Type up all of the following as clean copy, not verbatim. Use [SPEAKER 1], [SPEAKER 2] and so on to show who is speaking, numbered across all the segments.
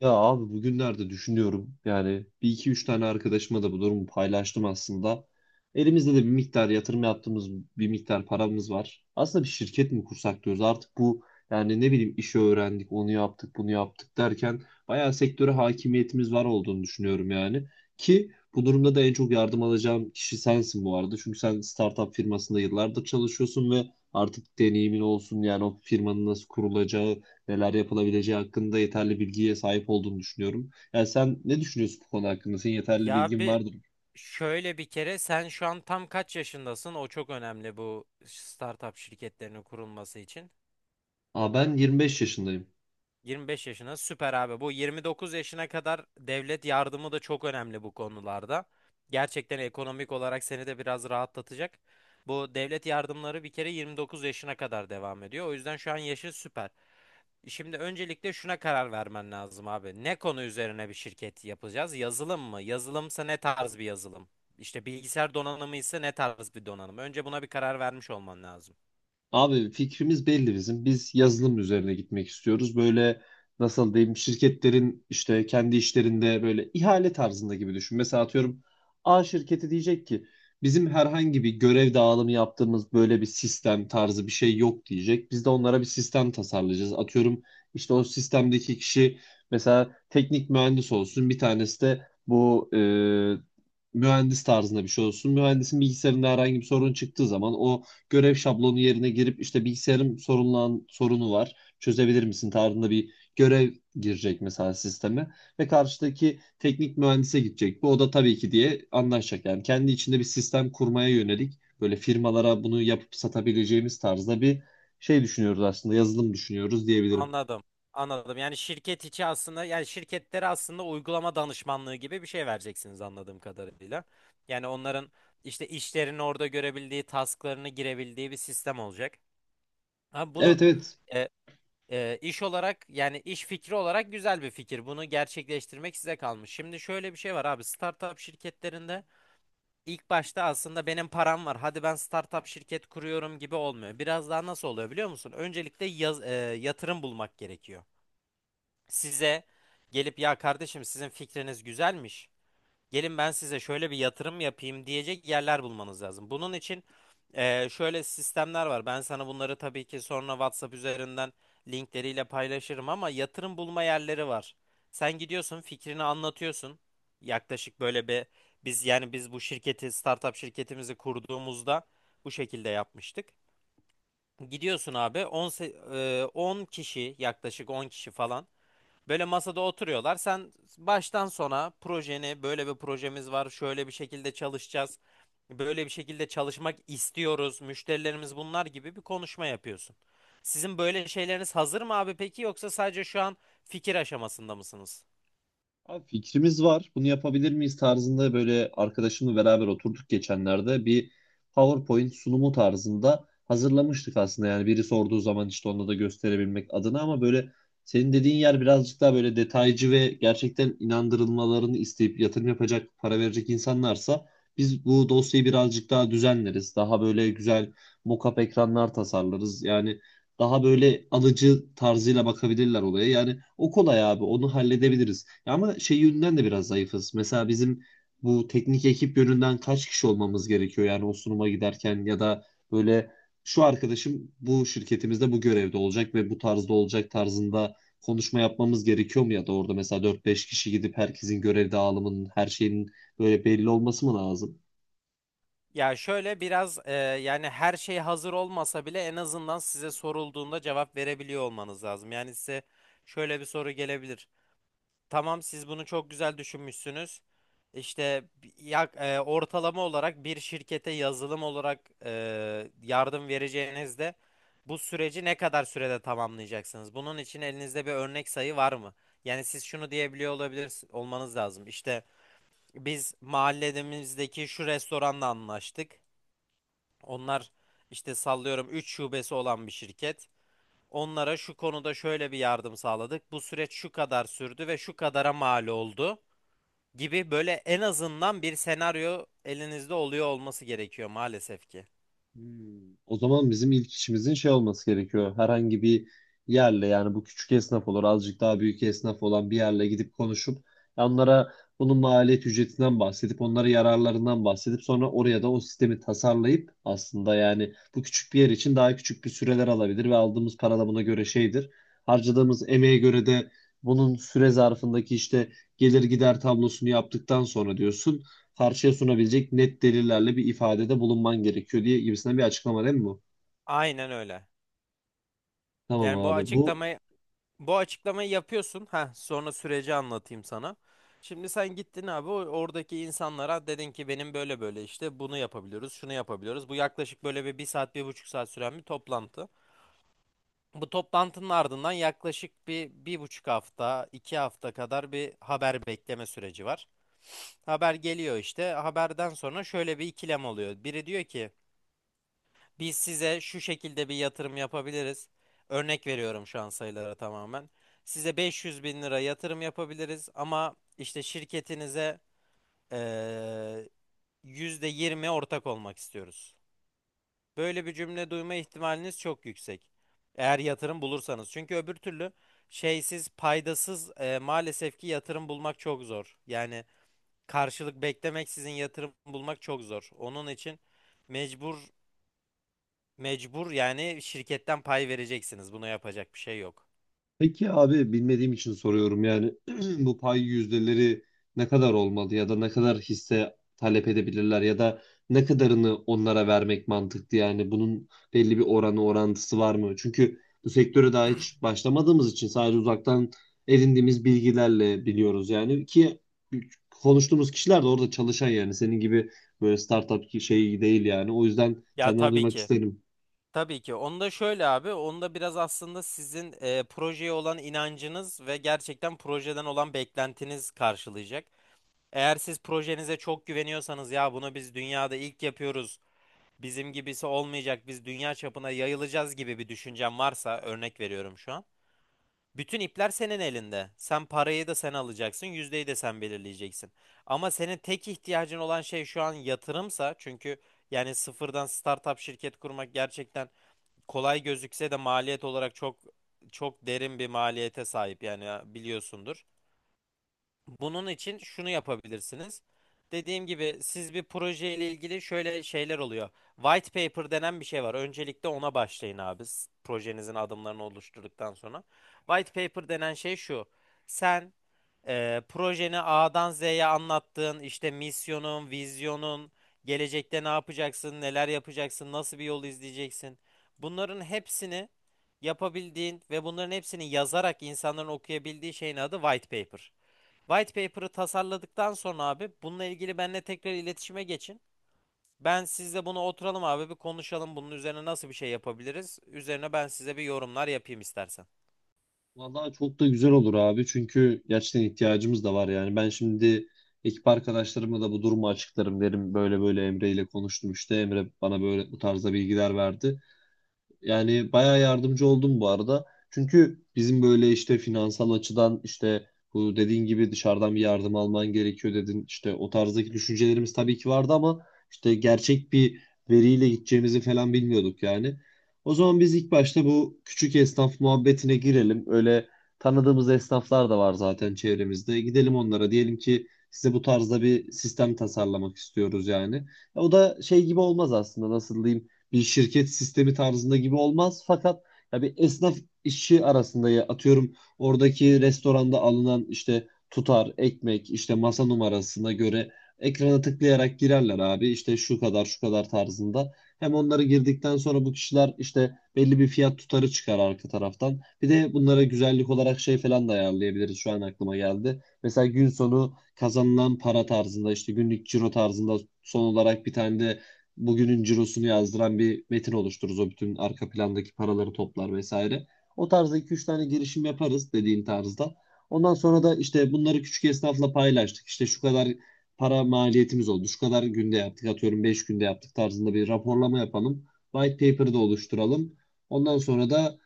[SPEAKER 1] Ya abi, bugünlerde düşünüyorum yani. Bir iki üç tane arkadaşıma da bu durumu paylaştım aslında. Elimizde de bir miktar yatırım yaptığımız bir miktar paramız var. Aslında bir şirket mi kursak diyoruz artık bu. Yani ne bileyim, işi öğrendik, onu yaptık, bunu yaptık derken bayağı sektöre hakimiyetimiz var olduğunu düşünüyorum yani. Ki bu durumda da en çok yardım alacağım kişi sensin bu arada. Çünkü sen startup firmasında yıllardır çalışıyorsun ve artık deneyimin olsun. Yani o firmanın nasıl kurulacağı, neler yapılabileceği hakkında yeterli bilgiye sahip olduğunu düşünüyorum. Yani sen ne düşünüyorsun bu konu hakkında? Senin yeterli
[SPEAKER 2] Ya
[SPEAKER 1] bilgin
[SPEAKER 2] bir
[SPEAKER 1] vardır.
[SPEAKER 2] şöyle bir kere sen şu an tam kaç yaşındasın? O çok önemli bu startup şirketlerinin kurulması için.
[SPEAKER 1] Aa, ben 25 yaşındayım.
[SPEAKER 2] 25 yaşına süper abi. Bu 29 yaşına kadar devlet yardımı da çok önemli bu konularda. Gerçekten ekonomik olarak seni de biraz rahatlatacak. Bu devlet yardımları bir kere 29 yaşına kadar devam ediyor. O yüzden şu an yaşı süper. Şimdi öncelikle şuna karar vermen lazım abi. Ne konu üzerine bir şirket yapacağız? Yazılım mı? Yazılımsa ne tarz bir yazılım? İşte bilgisayar donanımı ise ne tarz bir donanım? Önce buna bir karar vermiş olman lazım.
[SPEAKER 1] Abi fikrimiz belli bizim. Biz yazılım üzerine gitmek istiyoruz. Böyle nasıl diyeyim, şirketlerin işte kendi işlerinde böyle ihale tarzında gibi düşün. Mesela atıyorum, A şirketi diyecek ki bizim herhangi bir görev dağılımı yaptığımız böyle bir sistem tarzı bir şey yok diyecek. Biz de onlara bir sistem tasarlayacağız. Atıyorum, işte o sistemdeki kişi mesela teknik mühendis olsun. Bir tanesi de bu mühendis tarzında bir şey olsun. Mühendisin bilgisayarında herhangi bir sorun çıktığı zaman o görev şablonu yerine girip işte bilgisayarım sorunu var, çözebilir misin tarzında bir görev girecek mesela sisteme ve karşıdaki teknik mühendise gidecek. Bu o da tabii ki diye anlaşacak. Yani kendi içinde bir sistem kurmaya yönelik böyle firmalara bunu yapıp satabileceğimiz tarzda bir şey düşünüyoruz aslında. Yazılım düşünüyoruz diyebilirim.
[SPEAKER 2] Anladım. Anladım. Yani şirket içi aslında yani şirketlere aslında uygulama danışmanlığı gibi bir şey vereceksiniz anladığım kadarıyla. Yani onların işte işlerini orada görebildiği, tasklarını girebildiği bir sistem olacak. Abi bunu
[SPEAKER 1] Evet, evet.
[SPEAKER 2] e, iş olarak yani iş fikri olarak güzel bir fikir. Bunu gerçekleştirmek size kalmış. Şimdi şöyle bir şey var abi. Startup şirketlerinde ilk başta aslında benim param var. Hadi ben startup şirket kuruyorum gibi olmuyor. Biraz daha nasıl oluyor biliyor musun? Öncelikle yatırım bulmak gerekiyor. Size gelip ya kardeşim sizin fikriniz güzelmiş. Gelin ben size şöyle bir yatırım yapayım diyecek yerler bulmanız lazım. Bunun için şöyle sistemler var. Ben sana bunları tabii ki sonra WhatsApp üzerinden linkleriyle paylaşırım ama yatırım bulma yerleri var. Sen gidiyorsun, fikrini anlatıyorsun. Yaklaşık böyle bir biz yani biz bu şirketi, startup şirketimizi kurduğumuzda bu şekilde yapmıştık. Gidiyorsun abi 10 kişi, yaklaşık 10 kişi falan, böyle masada oturuyorlar. Sen baştan sona projeni böyle bir projemiz var. Şöyle bir şekilde çalışacağız. Böyle bir şekilde çalışmak istiyoruz. Müşterilerimiz bunlar gibi bir konuşma yapıyorsun. Sizin böyle şeyleriniz hazır mı abi peki, yoksa sadece şu an fikir aşamasında mısınız?
[SPEAKER 1] Abi fikrimiz var. Bunu yapabilir miyiz tarzında böyle arkadaşımla beraber oturduk geçenlerde. Bir PowerPoint sunumu tarzında hazırlamıştık aslında. Yani biri sorduğu zaman işte onu da gösterebilmek adına, ama böyle senin dediğin yer birazcık daha böyle detaycı ve gerçekten inandırılmalarını isteyip yatırım yapacak, para verecek insanlarsa biz bu dosyayı birazcık daha düzenleriz. Daha böyle güzel mockup ekranlar tasarlarız. Yani daha böyle alıcı tarzıyla bakabilirler olaya. Yani o kolay abi, onu halledebiliriz. Ya ama şey yönünden de biraz zayıfız. Mesela bizim bu teknik ekip yönünden kaç kişi olmamız gerekiyor yani o sunuma giderken, ya da böyle şu arkadaşım bu şirketimizde bu görevde olacak ve bu tarzda olacak tarzında konuşma yapmamız gerekiyor mu, ya da orada mesela 4-5 kişi gidip herkesin görev dağılımının her şeyin böyle belli olması mı lazım?
[SPEAKER 2] Ya şöyle biraz yani her şey hazır olmasa bile en azından size sorulduğunda cevap verebiliyor olmanız lazım. Yani size şöyle bir soru gelebilir. Tamam, siz bunu çok güzel düşünmüşsünüz. İşte ortalama olarak bir şirkete yazılım olarak yardım vereceğinizde bu süreci ne kadar sürede tamamlayacaksınız? Bunun için elinizde bir örnek sayı var mı? Yani siz şunu diyebiliyor olabilir olmanız lazım. İşte biz mahallemizdeki şu restoranla anlaştık. Onlar işte sallıyorum 3 şubesi olan bir şirket. Onlara şu konuda şöyle bir yardım sağladık. Bu süreç şu kadar sürdü ve şu kadara mal oldu gibi, böyle en azından bir senaryo elinizde oluyor olması gerekiyor maalesef ki.
[SPEAKER 1] Hmm. O zaman bizim ilk işimizin şey olması gerekiyor. Herhangi bir yerle, yani bu küçük esnaf olur, azıcık daha büyük esnaf olan bir yerle gidip konuşup onlara bunun maliyet ücretinden bahsedip onlara yararlarından bahsedip sonra oraya da o sistemi tasarlayıp, aslında yani bu küçük bir yer için daha küçük bir süreler alabilir ve aldığımız para da buna göre şeydir. Harcadığımız emeğe göre de bunun süre zarfındaki işte gelir gider tablosunu yaptıktan sonra diyorsun karşıya sunabilecek net delillerle bir ifadede bulunman gerekiyor diye gibisinden bir açıklama değil mi bu?
[SPEAKER 2] Aynen öyle.
[SPEAKER 1] Tamam
[SPEAKER 2] Yani bu
[SPEAKER 1] abi.
[SPEAKER 2] açıklamayı bu açıklamayı yapıyorsun. Ha, sonra süreci anlatayım sana. Şimdi sen gittin abi oradaki insanlara dedin ki benim böyle böyle işte bunu yapabiliyoruz, şunu yapabiliyoruz. Bu yaklaşık böyle bir saat, bir buçuk saat süren bir toplantı. Bu toplantının ardından yaklaşık bir, bir buçuk hafta, iki hafta kadar bir haber bekleme süreci var. Haber geliyor işte. Haberden sonra şöyle bir ikilem oluyor. Biri diyor ki biz size şu şekilde bir yatırım yapabiliriz. Örnek veriyorum şu an sayılara tamamen. Size 500 bin lira yatırım yapabiliriz ama işte şirketinize eee %20 ortak olmak istiyoruz. Böyle bir cümle duyma ihtimaliniz çok yüksek. Eğer yatırım bulursanız. Çünkü öbür türlü şeysiz, paydasız maalesef ki yatırım bulmak çok zor. Yani karşılık beklemeksizin yatırım bulmak çok zor. Onun için mecbur mecbur yani şirketten pay vereceksiniz. Buna yapacak bir şey yok.
[SPEAKER 1] Peki abi, bilmediğim için soruyorum yani, bu pay yüzdeleri ne kadar olmalı ya da ne kadar hisse talep edebilirler ya da ne kadarını onlara vermek mantıklı, yani bunun belli bir oranı orantısı var mı? Çünkü bu sektöre daha hiç başlamadığımız için sadece uzaktan edindiğimiz bilgilerle biliyoruz yani, ki konuştuğumuz kişiler de orada çalışan yani senin gibi böyle startup şey değil, yani o yüzden
[SPEAKER 2] Ya
[SPEAKER 1] senden
[SPEAKER 2] tabii
[SPEAKER 1] duymak
[SPEAKER 2] ki.
[SPEAKER 1] isterim.
[SPEAKER 2] Tabii ki. Onu da şöyle abi, onu da biraz aslında sizin projeye olan inancınız ve gerçekten projeden olan beklentiniz karşılayacak. Eğer siz projenize çok güveniyorsanız ya bunu biz dünyada ilk yapıyoruz. Bizim gibisi olmayacak. Biz dünya çapına yayılacağız gibi bir düşüncem varsa örnek veriyorum şu an. Bütün ipler senin elinde. Sen parayı da sen alacaksın, yüzdeyi de sen belirleyeceksin. Ama senin tek ihtiyacın olan şey şu an yatırımsa, çünkü yani sıfırdan startup şirket kurmak gerçekten kolay gözükse de maliyet olarak çok çok derin bir maliyete sahip, yani biliyorsundur. Bunun için şunu yapabilirsiniz. Dediğim gibi siz bir proje ile ilgili şöyle şeyler oluyor. White paper denen bir şey var. Öncelikle ona başlayın abi. Projenizin adımlarını oluşturduktan sonra. White paper denen şey şu. Sen projeni A'dan Z'ye anlattığın işte misyonun, vizyonun, gelecekte ne yapacaksın, neler yapacaksın, nasıl bir yol izleyeceksin. Bunların hepsini yapabildiğin ve bunların hepsini yazarak insanların okuyabildiği şeyin adı white paper. White paper'ı tasarladıktan sonra abi bununla ilgili benimle tekrar iletişime geçin. Ben sizle bunu oturalım abi bir konuşalım, bunun üzerine nasıl bir şey yapabiliriz. Üzerine ben size bir yorumlar yapayım istersen.
[SPEAKER 1] Vallahi çok da güzel olur abi, çünkü gerçekten ihtiyacımız da var yani. Ben şimdi ekip arkadaşlarıma da bu durumu açıklarım derim. Böyle böyle Emre ile konuştum işte, Emre bana böyle bu tarzda bilgiler verdi. Yani bayağı yardımcı oldum bu arada. Çünkü bizim böyle işte finansal açıdan işte bu dediğin gibi dışarıdan bir yardım alman gerekiyor dedin. İşte o tarzdaki düşüncelerimiz tabii ki vardı, ama işte gerçek bir veriyle gideceğimizi falan bilmiyorduk yani. O zaman biz ilk başta bu küçük esnaf muhabbetine girelim. Öyle tanıdığımız esnaflar da var zaten çevremizde. Gidelim onlara, diyelim ki size bu tarzda bir sistem tasarlamak istiyoruz yani. O da şey gibi olmaz aslında, nasıl diyeyim, bir şirket sistemi tarzında gibi olmaz. Fakat ya bir esnaf işi arasında, ya atıyorum, oradaki restoranda alınan işte tutar, ekmek, işte masa numarasına göre ekrana tıklayarak girerler abi. İşte şu kadar şu kadar tarzında. Hem onları girdikten sonra bu kişiler işte belli bir fiyat tutarı çıkar arka taraftan. Bir de bunlara güzellik olarak şey falan da ayarlayabiliriz. Şu an aklıma geldi. Mesela gün sonu kazanılan para tarzında, işte günlük ciro tarzında son olarak bir tane de bugünün cirosunu yazdıran bir metin oluştururuz. O bütün arka plandaki paraları toplar vesaire. O tarzda iki üç tane girişim yaparız dediğin tarzda. Ondan sonra da işte bunları küçük esnafla paylaştık, İşte şu kadar para maliyetimiz oldu, şu kadar günde yaptık. Atıyorum 5 günde yaptık tarzında bir raporlama yapalım. White paper'ı da oluşturalım. Ondan sonra da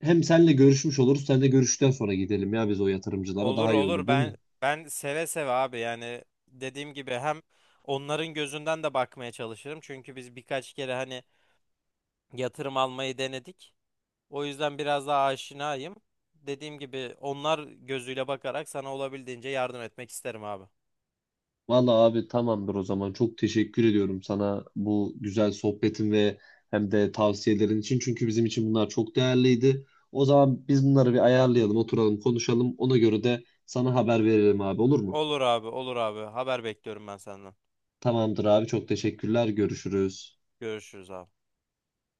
[SPEAKER 1] hem senle görüşmüş oluruz. Sen de görüşten sonra gidelim ya biz o yatırımcılara,
[SPEAKER 2] Olur
[SPEAKER 1] daha iyi olur
[SPEAKER 2] olur,
[SPEAKER 1] değil mi?
[SPEAKER 2] ben seve seve abi, yani dediğim gibi hem onların gözünden de bakmaya çalışırım. Çünkü biz birkaç kere hani yatırım almayı denedik. O yüzden biraz daha aşinayım. Dediğim gibi onlar gözüyle bakarak sana olabildiğince yardım etmek isterim abi.
[SPEAKER 1] Vallahi abi tamamdır o zaman. Çok teşekkür ediyorum sana bu güzel sohbetin ve hem de tavsiyelerin için. Çünkü bizim için bunlar çok değerliydi. O zaman biz bunları bir ayarlayalım, oturalım, konuşalım. Ona göre de sana haber veririm abi, olur mu?
[SPEAKER 2] Olur abi, olur abi. Haber bekliyorum ben senden.
[SPEAKER 1] Tamamdır abi, çok teşekkürler. Görüşürüz.
[SPEAKER 2] Görüşürüz abi.